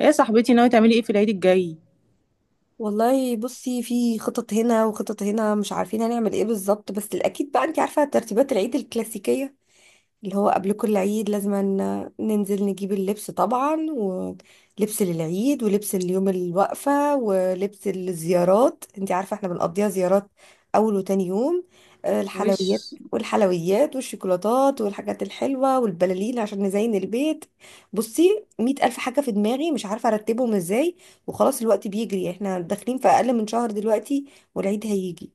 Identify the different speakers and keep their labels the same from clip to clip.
Speaker 1: ايه يا صاحبتي، ناوي تعملي ايه في العيد الجاي؟
Speaker 2: والله بصي، في خطط هنا وخطط هنا. مش عارفين هنعمل ايه بالظبط، بس الاكيد بقى انت عارفه ترتيبات العيد الكلاسيكيه اللي هو قبل كل عيد. لازم ننزل نجيب اللبس طبعا، ولبس للعيد، ولبس اليوم الوقفه، ولبس الزيارات. انت عارفه احنا بنقضيها زيارات اول وتاني يوم.
Speaker 1: وش؟
Speaker 2: الحلويات والحلويات والشوكولاتات والحاجات الحلوه والبلالين عشان نزين البيت. بصي مئة ألف حاجه في دماغي، مش عارفه ارتبهم ازاي. وخلاص الوقت بيجري، احنا داخلين في اقل من شهر دلوقتي، والعيد هيجي.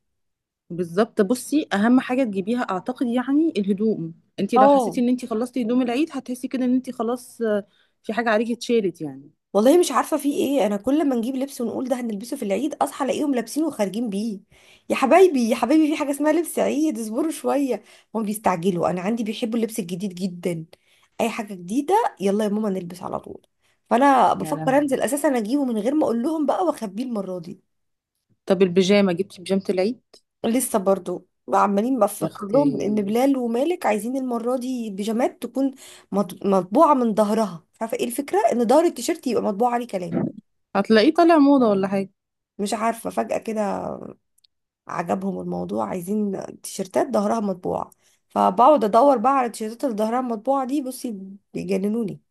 Speaker 1: بالظبط. بصي، اهم حاجه تجيبيها اعتقد يعني الهدوم. انت لو
Speaker 2: اه
Speaker 1: حسيتي ان انت خلصتي هدوم العيد هتحسي كده ان انت خلاص، في حاجه عليكي اتشالت يعني.
Speaker 2: والله مش عارفه في ايه. انا كل ما نجيب لبس ونقول ده هنلبسه في العيد اصحى الاقيهم لابسينه وخارجين بيه. يا حبايبي يا حبايبي، في حاجه اسمها لبس عيد، اصبروا شويه. هم بيستعجلوا، انا عندي بيحبوا اللبس الجديد جدا، اي حاجه جديده، يلا يا ماما نلبس على طول. فانا
Speaker 1: يا
Speaker 2: بفكر
Speaker 1: لهوي.
Speaker 2: انزل اساسا اجيبه من غير ما اقول لهم بقى واخبيه المره دي.
Speaker 1: طب البيجامه، جبتي بيجامه العيد؟
Speaker 2: لسه برضو عمالين
Speaker 1: يا
Speaker 2: بفكر لهم ان
Speaker 1: اختي.
Speaker 2: بلال ومالك عايزين المره دي بيجامات تكون مطبوعه من ظهرها. مش عارفه ايه الفكره، ان ظهر التيشيرت يبقى مطبوع عليه كلام.
Speaker 1: هتلاقيه طالع موضه ولا حاجه؟
Speaker 2: مش عارفه فجاه كده عجبهم الموضوع، عايزين تيشيرتات ظهرها مطبوع. فبقعد ادور بقى على التيشيرتات اللي ظهرها مطبوع دي بصي، بيجننوني.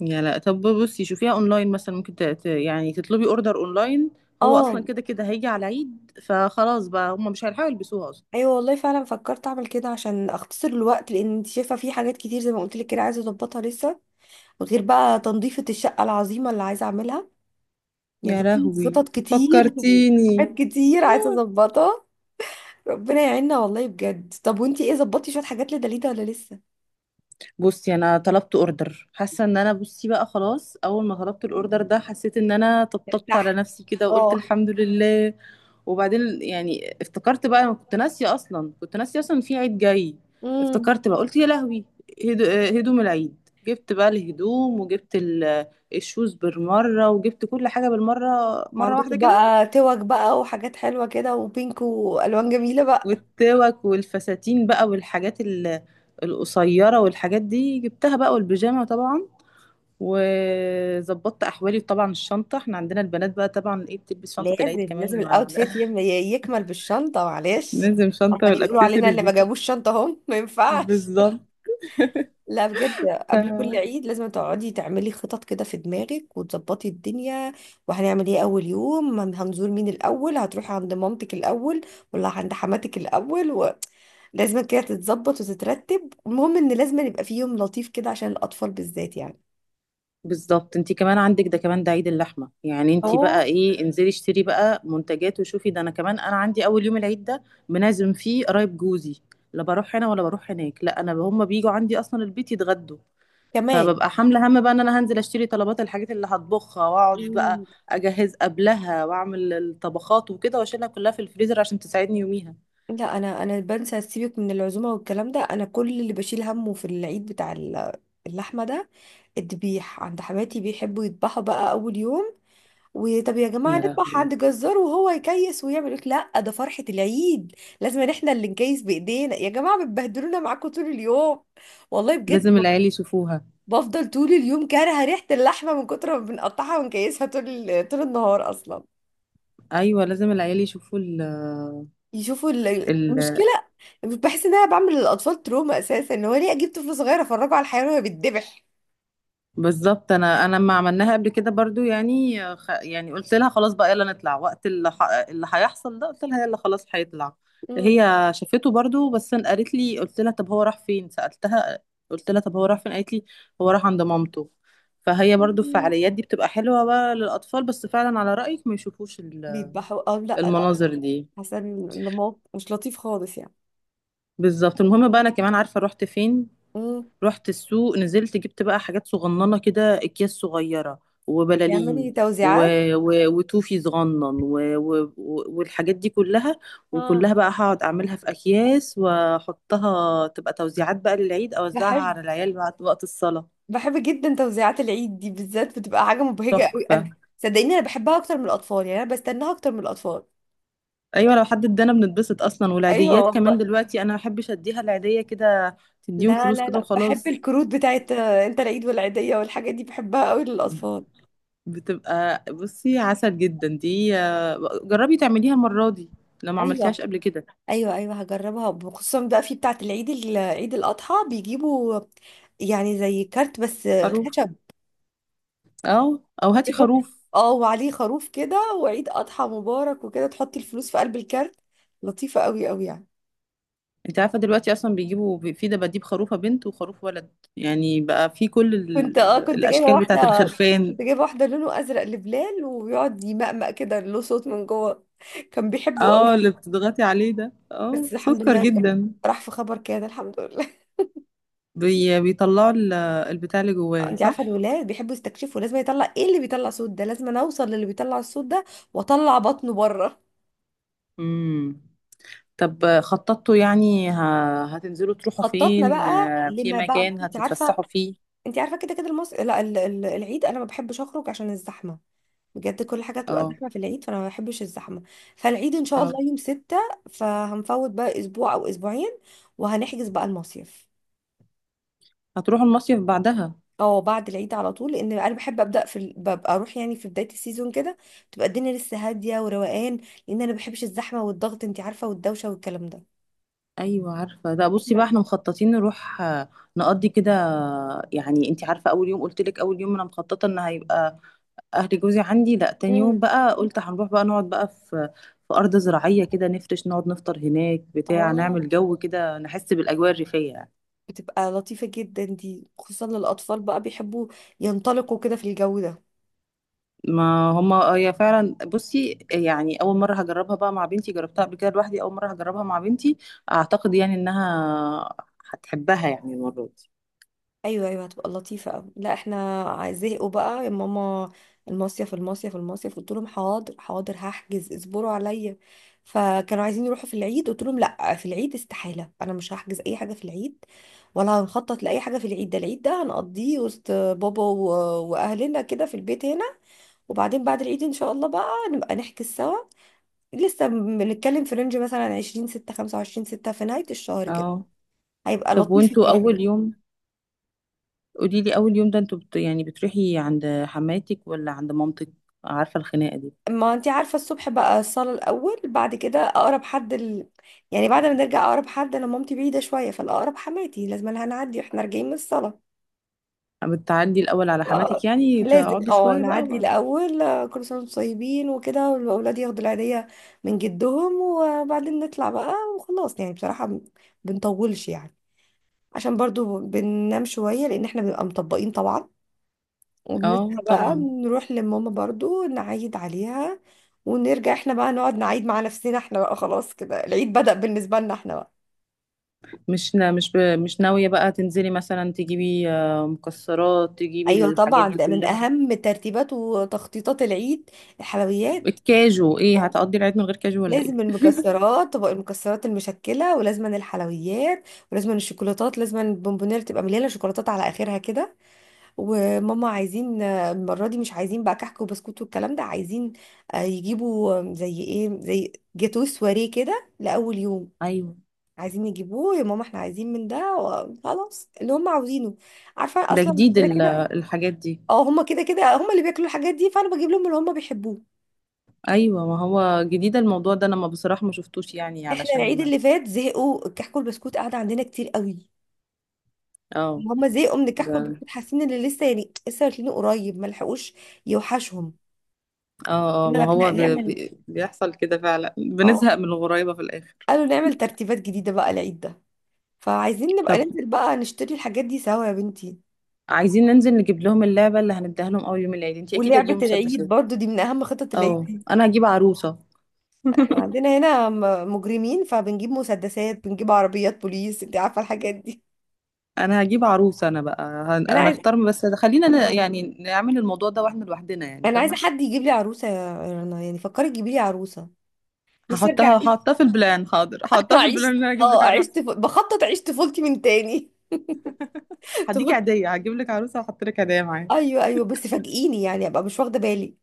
Speaker 1: يا لا، طب بصي شوفيها اونلاين مثلا، ممكن يعني تطلبي اوردر اونلاين. هو
Speaker 2: اه
Speaker 1: اصلا كده كده هيجي على العيد، فخلاص بقى هم مش هيلحقوا يلبسوها اصلا.
Speaker 2: ايوه والله فعلا فكرت اعمل كده عشان اختصر الوقت، لان انت شايفه في حاجات كتير زي ما قلت لك كده عايزه اظبطها لسه. غير بقى تنظيفه الشقه العظيمه اللي عايزه اعملها.
Speaker 1: يا
Speaker 2: نبقى في
Speaker 1: لهوي
Speaker 2: خطط كتير
Speaker 1: فكرتيني.
Speaker 2: وحاجات كتير عايزة اظبطها. ربنا يعيننا والله بجد. طب وانتي ايه، ظبطتي شوية حاجات لدليدا ولا لسه؟
Speaker 1: بصي انا طلبت اوردر، حاسه ان انا بصي بقى خلاص، اول ما طلبت الاوردر ده حسيت ان انا طبطبت على
Speaker 2: ارتاح
Speaker 1: نفسي كده وقلت
Speaker 2: اه.
Speaker 1: الحمد لله. وبعدين يعني افتكرت بقى، انا كنت ناسيه اصلا، كنت ناسيه اصلا في عيد جاي.
Speaker 2: امم،
Speaker 1: افتكرت بقى قلت يا لهوي، هدوم العيد. جبت بقى الهدوم وجبت الشوز بالمره وجبت كل حاجه بالمره، مره واحده
Speaker 2: عندكم
Speaker 1: كده.
Speaker 2: بقى توك بقى وحاجات حلوة كده وبينك والوان جميلة بقى.
Speaker 1: والتوك والفساتين بقى، والحاجات ال- القصيره والحاجات دي جبتها بقى، والبيجامه طبعا. وظبطت احوالي طبعا، الشنطه، احنا عندنا البنات بقى طبعا ايه بتلبس شنطه
Speaker 2: لازم
Speaker 1: العيد
Speaker 2: لازم
Speaker 1: كمان
Speaker 2: الاوتفيت يكمل بالشنطة معلش.
Speaker 1: لازم شنطه
Speaker 2: امال يقولوا علينا
Speaker 1: والاكسسوارز
Speaker 2: اللي ما
Speaker 1: دي كده.
Speaker 2: جابوش شنطة هم، ما ينفعش.
Speaker 1: بالظبط.
Speaker 2: لا بجد، قبل كل
Speaker 1: ف-
Speaker 2: عيد لازم تقعدي تعملي خطط كده في دماغك وتظبطي الدنيا. وهنعمل ايه اول يوم، هنزور مين الاول؟ هتروحي عند مامتك الاول ولا عند حماتك الاول و... لازم كده تتظبط وتترتب. المهم ان لازم يبقى في يوم لطيف كده عشان الاطفال بالذات يعني.
Speaker 1: بالظبط، انت كمان عندك ده كمان، ده عيد اللحمه يعني، انت
Speaker 2: اه
Speaker 1: بقى ايه، انزلي اشتري بقى منتجات وشوفي. ده انا كمان، انا عندي اول يوم العيد ده بنعزم فيه قرايب جوزي. لا بروح هنا ولا بروح هناك، لا انا هم بيجوا عندي اصلا البيت يتغدوا.
Speaker 2: كمان.
Speaker 1: فببقى حامله هم بقى ان انا هنزل اشتري طلبات الحاجات اللي هطبخها، واقعد بقى
Speaker 2: مم.
Speaker 1: اجهز قبلها واعمل الطبخات وكده واشيلها كلها في الفريزر عشان تساعدني يوميها.
Speaker 2: لا انا، بنسى سيبك من العزومه والكلام ده. انا كل اللي بشيل همه في العيد بتاع اللحمه ده، الذبيح. عند حماتي بيحبوا يذبحوا بقى اول يوم. وطب يا جماعة
Speaker 1: يا
Speaker 2: نذبح
Speaker 1: لهوي.
Speaker 2: عند جزار وهو يكيس ويعمل، يقولك لا ده فرحة العيد، لازم إن احنا اللي نكيس بإيدينا. يا جماعة بتبهدلونا معاكم طول اليوم، والله بجد.
Speaker 1: لازم العيال يشوفوها.
Speaker 2: بفضل طول اليوم كارهة ريحة اللحمة من كتر ما بنقطعها ونكيسها طول طول النهار أصلا.
Speaker 1: ايوه، لازم العيال
Speaker 2: يشوفوا المشكلة. بحس إن أنا بعمل للأطفال تروما أساسا، إن هو ليه أجيب طفل صغير أفرجه على الحيوان وهو بيتذبح؟
Speaker 1: بالظبط. انا لما عملناها قبل كده برضو يعني قلت لها خلاص بقى يلا نطلع وقت اللي هيحصل ده. قلت لها يلا خلاص هيطلع.
Speaker 2: مم.
Speaker 1: هي شافته برضو، بس أنا قالت لي، قلت لها طب هو راح فين، سألتها، قلت لها طب هو راح فين، قالت لي هو راح عند مامته. فهي برضو الفعاليات دي بتبقى حلوة بقى للأطفال، بس فعلا على رأيك ما يشوفوش
Speaker 2: بيذبحوا اه، لا لا.
Speaker 1: المناظر دي.
Speaker 2: حسن الموقف مش لطيف خالص يعني.
Speaker 1: بالظبط. المهم بقى، انا كمان عارفة رحت فين،
Speaker 2: مم.
Speaker 1: رحت السوق، نزلت جبت بقى حاجات صغننة كده، أكياس صغيرة
Speaker 2: بيعملي
Speaker 1: وبلالين و...
Speaker 2: توزيعات.
Speaker 1: و وتوفي صغنن و والحاجات دي كلها، وكلها بقى هقعد أعملها في أكياس وأحطها تبقى توزيعات بقى للعيد، أوزعها
Speaker 2: بحب،
Speaker 1: على العيال بعد وقت الصلاة.
Speaker 2: بحب جدا توزيعات العيد دي بالذات، بتبقى حاجة مبهجة قوي. انا
Speaker 1: تحفة.
Speaker 2: صدقيني انا بحبها اكتر من الاطفال، يعني انا بستناها اكتر من الاطفال.
Speaker 1: أيوة لو حد ادانا بنتبسط أصلا.
Speaker 2: ايوه
Speaker 1: والعيديات كمان
Speaker 2: والله.
Speaker 1: دلوقتي أنا ما بحبش أديها العيدية كده، تديهم
Speaker 2: لا
Speaker 1: فلوس
Speaker 2: لا
Speaker 1: كده
Speaker 2: لا، بحب
Speaker 1: وخلاص.
Speaker 2: الكروت بتاعت انت العيد والعيدية، والحاجات دي بحبها قوي للاطفال.
Speaker 1: بتبقى بصي عسل جدا دي، جربي تعمليها المرة دي لو ما عملتيهاش
Speaker 2: ايوه
Speaker 1: قبل كده.
Speaker 2: ايوه، ايوه هجربها خصوصا بقى في بتاعت العيد عيد الاضحى. بيجيبوا يعني زي كارت بس
Speaker 1: خروف.
Speaker 2: خشب.
Speaker 1: اه، او هاتي
Speaker 2: بيحط،
Speaker 1: خروف.
Speaker 2: اه، وعليه خروف كده وعيد اضحى مبارك وكده، تحطي الفلوس في قلب الكارت. لطيفة قوي قوي يعني.
Speaker 1: انت عارفة دلوقتي اصلا بيجيبوا في دباديب، خروفة بنت وخروف ولد، يعني بقى في كل
Speaker 2: كنت اه كنت جايبه
Speaker 1: الاشكال بتاعة
Speaker 2: واحده،
Speaker 1: الخرفان.
Speaker 2: كنت جايبه واحده لونه ازرق لبلال وبيقعد يمقمق كده، له صوت من جوه. كان بيحبه
Speaker 1: اه،
Speaker 2: قوي.
Speaker 1: اللي بتضغطي عليه ده، اه
Speaker 2: بس الحمد
Speaker 1: سكر
Speaker 2: لله كان
Speaker 1: جدا.
Speaker 2: راح في خبر كده، الحمد لله.
Speaker 1: بيطلعوا البتاع اللي جواه
Speaker 2: انت عارفه
Speaker 1: صح.
Speaker 2: الولاد بيحبوا يستكشفوا، لازم يطلع ايه اللي بيطلع صوت ده، لازم انا اوصل للي بيطلع الصوت ده واطلع بطنه بره.
Speaker 1: امم. طب خططتوا يعني هتنزلوا تروحوا
Speaker 2: خططنا
Speaker 1: فين،
Speaker 2: بقى
Speaker 1: في
Speaker 2: لما بعد،
Speaker 1: مكان
Speaker 2: انت عارفه،
Speaker 1: هتتفسحوا فيه؟
Speaker 2: انت عارفه كده كده المص... لا ال- ال- العيد انا ما بحبش اخرج عشان الزحمه. بجد كل حاجة تبقى
Speaker 1: اه.
Speaker 2: زحمة في العيد، فأنا ما بحبش الزحمة. فالعيد إن شاء
Speaker 1: اه،
Speaker 2: الله يوم ستة، فهنفوت بقى أسبوع أو أسبوعين وهنحجز بقى المصيف.
Speaker 1: هتروح المصيف بعدها.
Speaker 2: اه بعد العيد على طول، لأن أنا بحب أبدأ ببقى أروح يعني في بداية السيزون كده، تبقى الدنيا لسه هادية وروقان. لأن أنا ما بحبش الزحمة والضغط أنت عارفة، والدوشة والكلام ده.
Speaker 1: ايوه عارفه ده. بصي
Speaker 2: احنا.
Speaker 1: بقى احنا مخططين نروح نقضي كده، يعني انت عارفه اول يوم، قلت لك اول يوم انا مخططه ان هيبقى اهل جوزي عندي، لا تاني يوم
Speaker 2: امم
Speaker 1: بقى قلت هنروح بقى نقعد بقى في ارض زراعيه كده، نفرش نقعد نفطر هناك بتاع،
Speaker 2: اه،
Speaker 1: نعمل جو كده، نحس بالاجواء الريفيه يعني.
Speaker 2: بتبقى لطيفة جدا دي، خصوصا للأطفال بقى بيحبوا ينطلقوا كده في الجو ده.
Speaker 1: ما هما هي فعلا بصي، يعني اول مره هجربها بقى مع بنتي، جربتها قبل كده لوحدي، اول مره هجربها مع بنتي. اعتقد يعني انها هتحبها يعني المره دي.
Speaker 2: ايوه ايوه هتبقى لطيفه قوي. لا احنا زهقوا بقى يا ماما، المصيف المصيف المصيف. قلت لهم حاضر حاضر، هحجز، اصبروا عليا. فكانوا عايزين يروحوا في العيد، قلت لهم لا في العيد استحاله، انا مش هحجز اي حاجه في العيد ولا هنخطط لاي حاجه في العيد. ده العيد ده هنقضيه وسط بابا واهلنا كده في البيت هنا. وبعدين بعد العيد ان شاء الله بقى نبقى نحجز سوا. لسه بنتكلم في رينج مثلا 20 6، 25 6، في نهايه الشهر كده،
Speaker 1: اه.
Speaker 2: هيبقى
Speaker 1: طب
Speaker 2: لطيف
Speaker 1: وانتوا
Speaker 2: الجو
Speaker 1: اول
Speaker 2: ده.
Speaker 1: يوم؟ قولي لي اول يوم ده انتوا يعني بتروحي عند حماتك ولا عند مامتك؟ عارفه الخناقه دي.
Speaker 2: ما انتي عارفة الصبح بقى الصلاة الأول، بعد كده أقرب حد يعني بعد ما نرجع أقرب حد. أنا مامتي بعيدة شوية فالأقرب حماتي، لازم لها نعدي واحنا راجعين من الصلاة.
Speaker 1: بتعدي الاول على
Speaker 2: آه،
Speaker 1: حماتك يعني
Speaker 2: لازم
Speaker 1: تقعدوا
Speaker 2: اه
Speaker 1: شويه بقى
Speaker 2: نعدي
Speaker 1: وبعدين؟
Speaker 2: الأول، كل سنة وانتم طيبين وكده، والأولاد ياخدوا العيدية من جدهم، وبعدين نطلع بقى وخلاص. يعني بصراحة بنطولش يعني، عشان برضو بننام شوية لأن احنا بنبقى مطبقين طبعا.
Speaker 1: اه
Speaker 2: وبنصحى بقى
Speaker 1: طبعا.
Speaker 2: نروح لماما برضو نعيد عليها، ونرجع احنا بقى نقعد نعيد مع نفسنا احنا بقى. خلاص كده العيد بدأ بالنسبة لنا احنا بقى.
Speaker 1: مش نا... مش ب... مش ناويه بقى تنزلي مثلا تجيبي، مكسرات، تجيبي
Speaker 2: ايوه
Speaker 1: الحاجات
Speaker 2: طبعا،
Speaker 1: دي
Speaker 2: ده من
Speaker 1: كلها؟
Speaker 2: اهم ترتيبات وتخطيطات العيد، الحلويات.
Speaker 1: الكاجو ايه، هتقضي العيد من غير كاجو ولا ايه؟
Speaker 2: لازم المكسرات، طبق المكسرات المشكلة، ولازم الحلويات، ولازم الشوكولاتات، لازم البونبونير تبقى مليانة شوكولاتات على اخرها كده. وماما عايزين، المرة دي مش عايزين بقى كحك وبسكوت والكلام ده، عايزين يجيبوا، زي ايه، زي جاتوه سواريه كده لأول يوم.
Speaker 1: ايوه.
Speaker 2: عايزين يجيبوه يا ماما، احنا عايزين من ده وخلاص اللي هم عاوزينه. عارفة
Speaker 1: ده
Speaker 2: اصلا
Speaker 1: جديد
Speaker 2: كده كده،
Speaker 1: الحاجات دي.
Speaker 2: اه هم كده كده هم اللي بياكلوا الحاجات دي، فانا بجيب لهم اللي هم بيحبوه.
Speaker 1: ايوه، ما هو جديد الموضوع ده، انا ما بصراحه ما شفتوش يعني
Speaker 2: احنا العيد
Speaker 1: علشان.
Speaker 2: اللي فات زهقوا الكحك والبسكوت، قعد عندنا كتير قوي.
Speaker 1: اه.
Speaker 2: هم زهقوا من الكحك
Speaker 1: ده
Speaker 2: والبسكوت، حاسين ان لسه يعني لسه واكلينه قريب، ما لحقوش يوحشهم.
Speaker 1: اه.
Speaker 2: احنا
Speaker 1: ما
Speaker 2: لك
Speaker 1: هو
Speaker 2: نعمل،
Speaker 1: بيحصل كده فعلا،
Speaker 2: اه
Speaker 1: بنزهق من الغرايبة في الآخر.
Speaker 2: قالوا نعمل ترتيبات جديدة بقى العيد ده. فعايزين نبقى
Speaker 1: طب
Speaker 2: ننزل بقى نشتري الحاجات دي سوا يا بنتي.
Speaker 1: عايزين ننزل نجيب لهم اللعبة اللي هنديها لهم أول يوم العيد، انتي أكيد
Speaker 2: ولعبة
Speaker 1: هتجيبوا
Speaker 2: العيد
Speaker 1: مسدسات.
Speaker 2: برضو دي من أهم خطط العيد
Speaker 1: اه
Speaker 2: دي.
Speaker 1: أنا هجيب عروسة.
Speaker 2: احنا عندنا هنا مجرمين، فبنجيب مسدسات، بنجيب عربيات بوليس، انت عارفة الحاجات دي.
Speaker 1: أنا هجيب عروسة أنا بقى،
Speaker 2: أنا عايز
Speaker 1: هنختار بس، خلينا يعني نعمل الموضوع ده واحنا لوحدنا يعني،
Speaker 2: أنا عايزة
Speaker 1: فاهمة؟
Speaker 2: حد يجيب لي عروسة يا رنا، يعني فكري تجيبي لي عروسة. نفسي أرجع
Speaker 1: هحطها،
Speaker 2: أعيش.
Speaker 1: هحطها في البلان، حاضر هحطها في
Speaker 2: أعيش،
Speaker 1: البلان ان انا هجيب لك
Speaker 2: اه أعيش
Speaker 1: عروسه.
Speaker 2: بخطط أعيش طفولتي من تاني.
Speaker 1: هديك
Speaker 2: طفولتي.
Speaker 1: عيديه، هجيب لك عروسه وهحط لك هدايا معايا.
Speaker 2: أيوه أيوه، بس فاجئيني يعني أبقى مش واخدة بالي.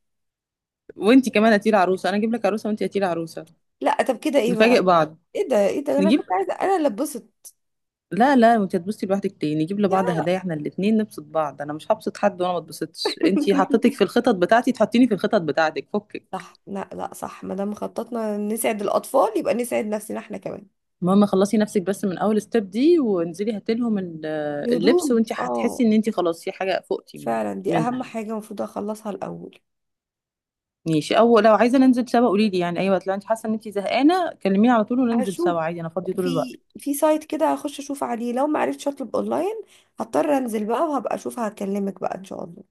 Speaker 1: وانتي كمان هاتيلي عروسه، انا اجيب لك عروسه وانتي هاتيلي عروسه،
Speaker 2: لا طب كده إيه بقى؟
Speaker 1: نفاجئ بعض.
Speaker 2: إيه ده إيه ده، أنا
Speaker 1: نجيب،
Speaker 2: كنت عايزة أنا اللي اتبسط.
Speaker 1: لا لا، انت هتبصي لوحدك ليه، نجيب لبعض هدايا احنا الاتنين، نبسط بعض. انا مش هبسط حد وانا ما اتبسطش. انت حطيتك في الخطط بتاعتي، تحطيني في الخطط بتاعتك، فكك.
Speaker 2: صح لا لا، صح، ما دام خططنا نسعد الأطفال يبقى نسعد نفسنا احنا كمان.
Speaker 1: المهم خلصي نفسك بس من اول ستيب دي وانزلي هاتلهم اللبس،
Speaker 2: الهدوم
Speaker 1: وانت
Speaker 2: اه،
Speaker 1: هتحسي ان انت خلاص في حاجه فوقتي
Speaker 2: فعلا دي
Speaker 1: منها
Speaker 2: أهم
Speaker 1: يعني.
Speaker 2: حاجة المفروض أخلصها الأول.
Speaker 1: ماشي. او لو عايزه ننزل سوا قولي لي يعني، اي وقت لو انت حاسه ان انت زهقانه كلميني على طول وننزل
Speaker 2: هشوف،
Speaker 1: سوا عادي، انا فاضيه طول الوقت.
Speaker 2: في في سايت كده هخش أشوف عليه، لو ما عرفتش أطلب أونلاين هضطر أنزل بقى وهبقى أشوفها. هكلمك بقى إن شاء الله.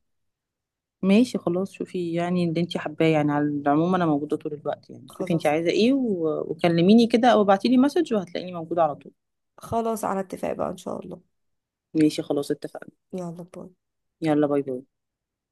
Speaker 1: ماشي خلاص، شوفي يعني اللي انت حباه يعني، على العموم انا موجوده طول الوقت يعني. شوفي انت
Speaker 2: خلاص،
Speaker 1: عايزه ايه وكلميني كده او ابعتي لي مسج وهتلاقيني موجوده على طول.
Speaker 2: خلاص على اتفاق بقى إن شاء الله.
Speaker 1: ماشي خلاص اتفقنا.
Speaker 2: يلا باي.
Speaker 1: يلا باي باي.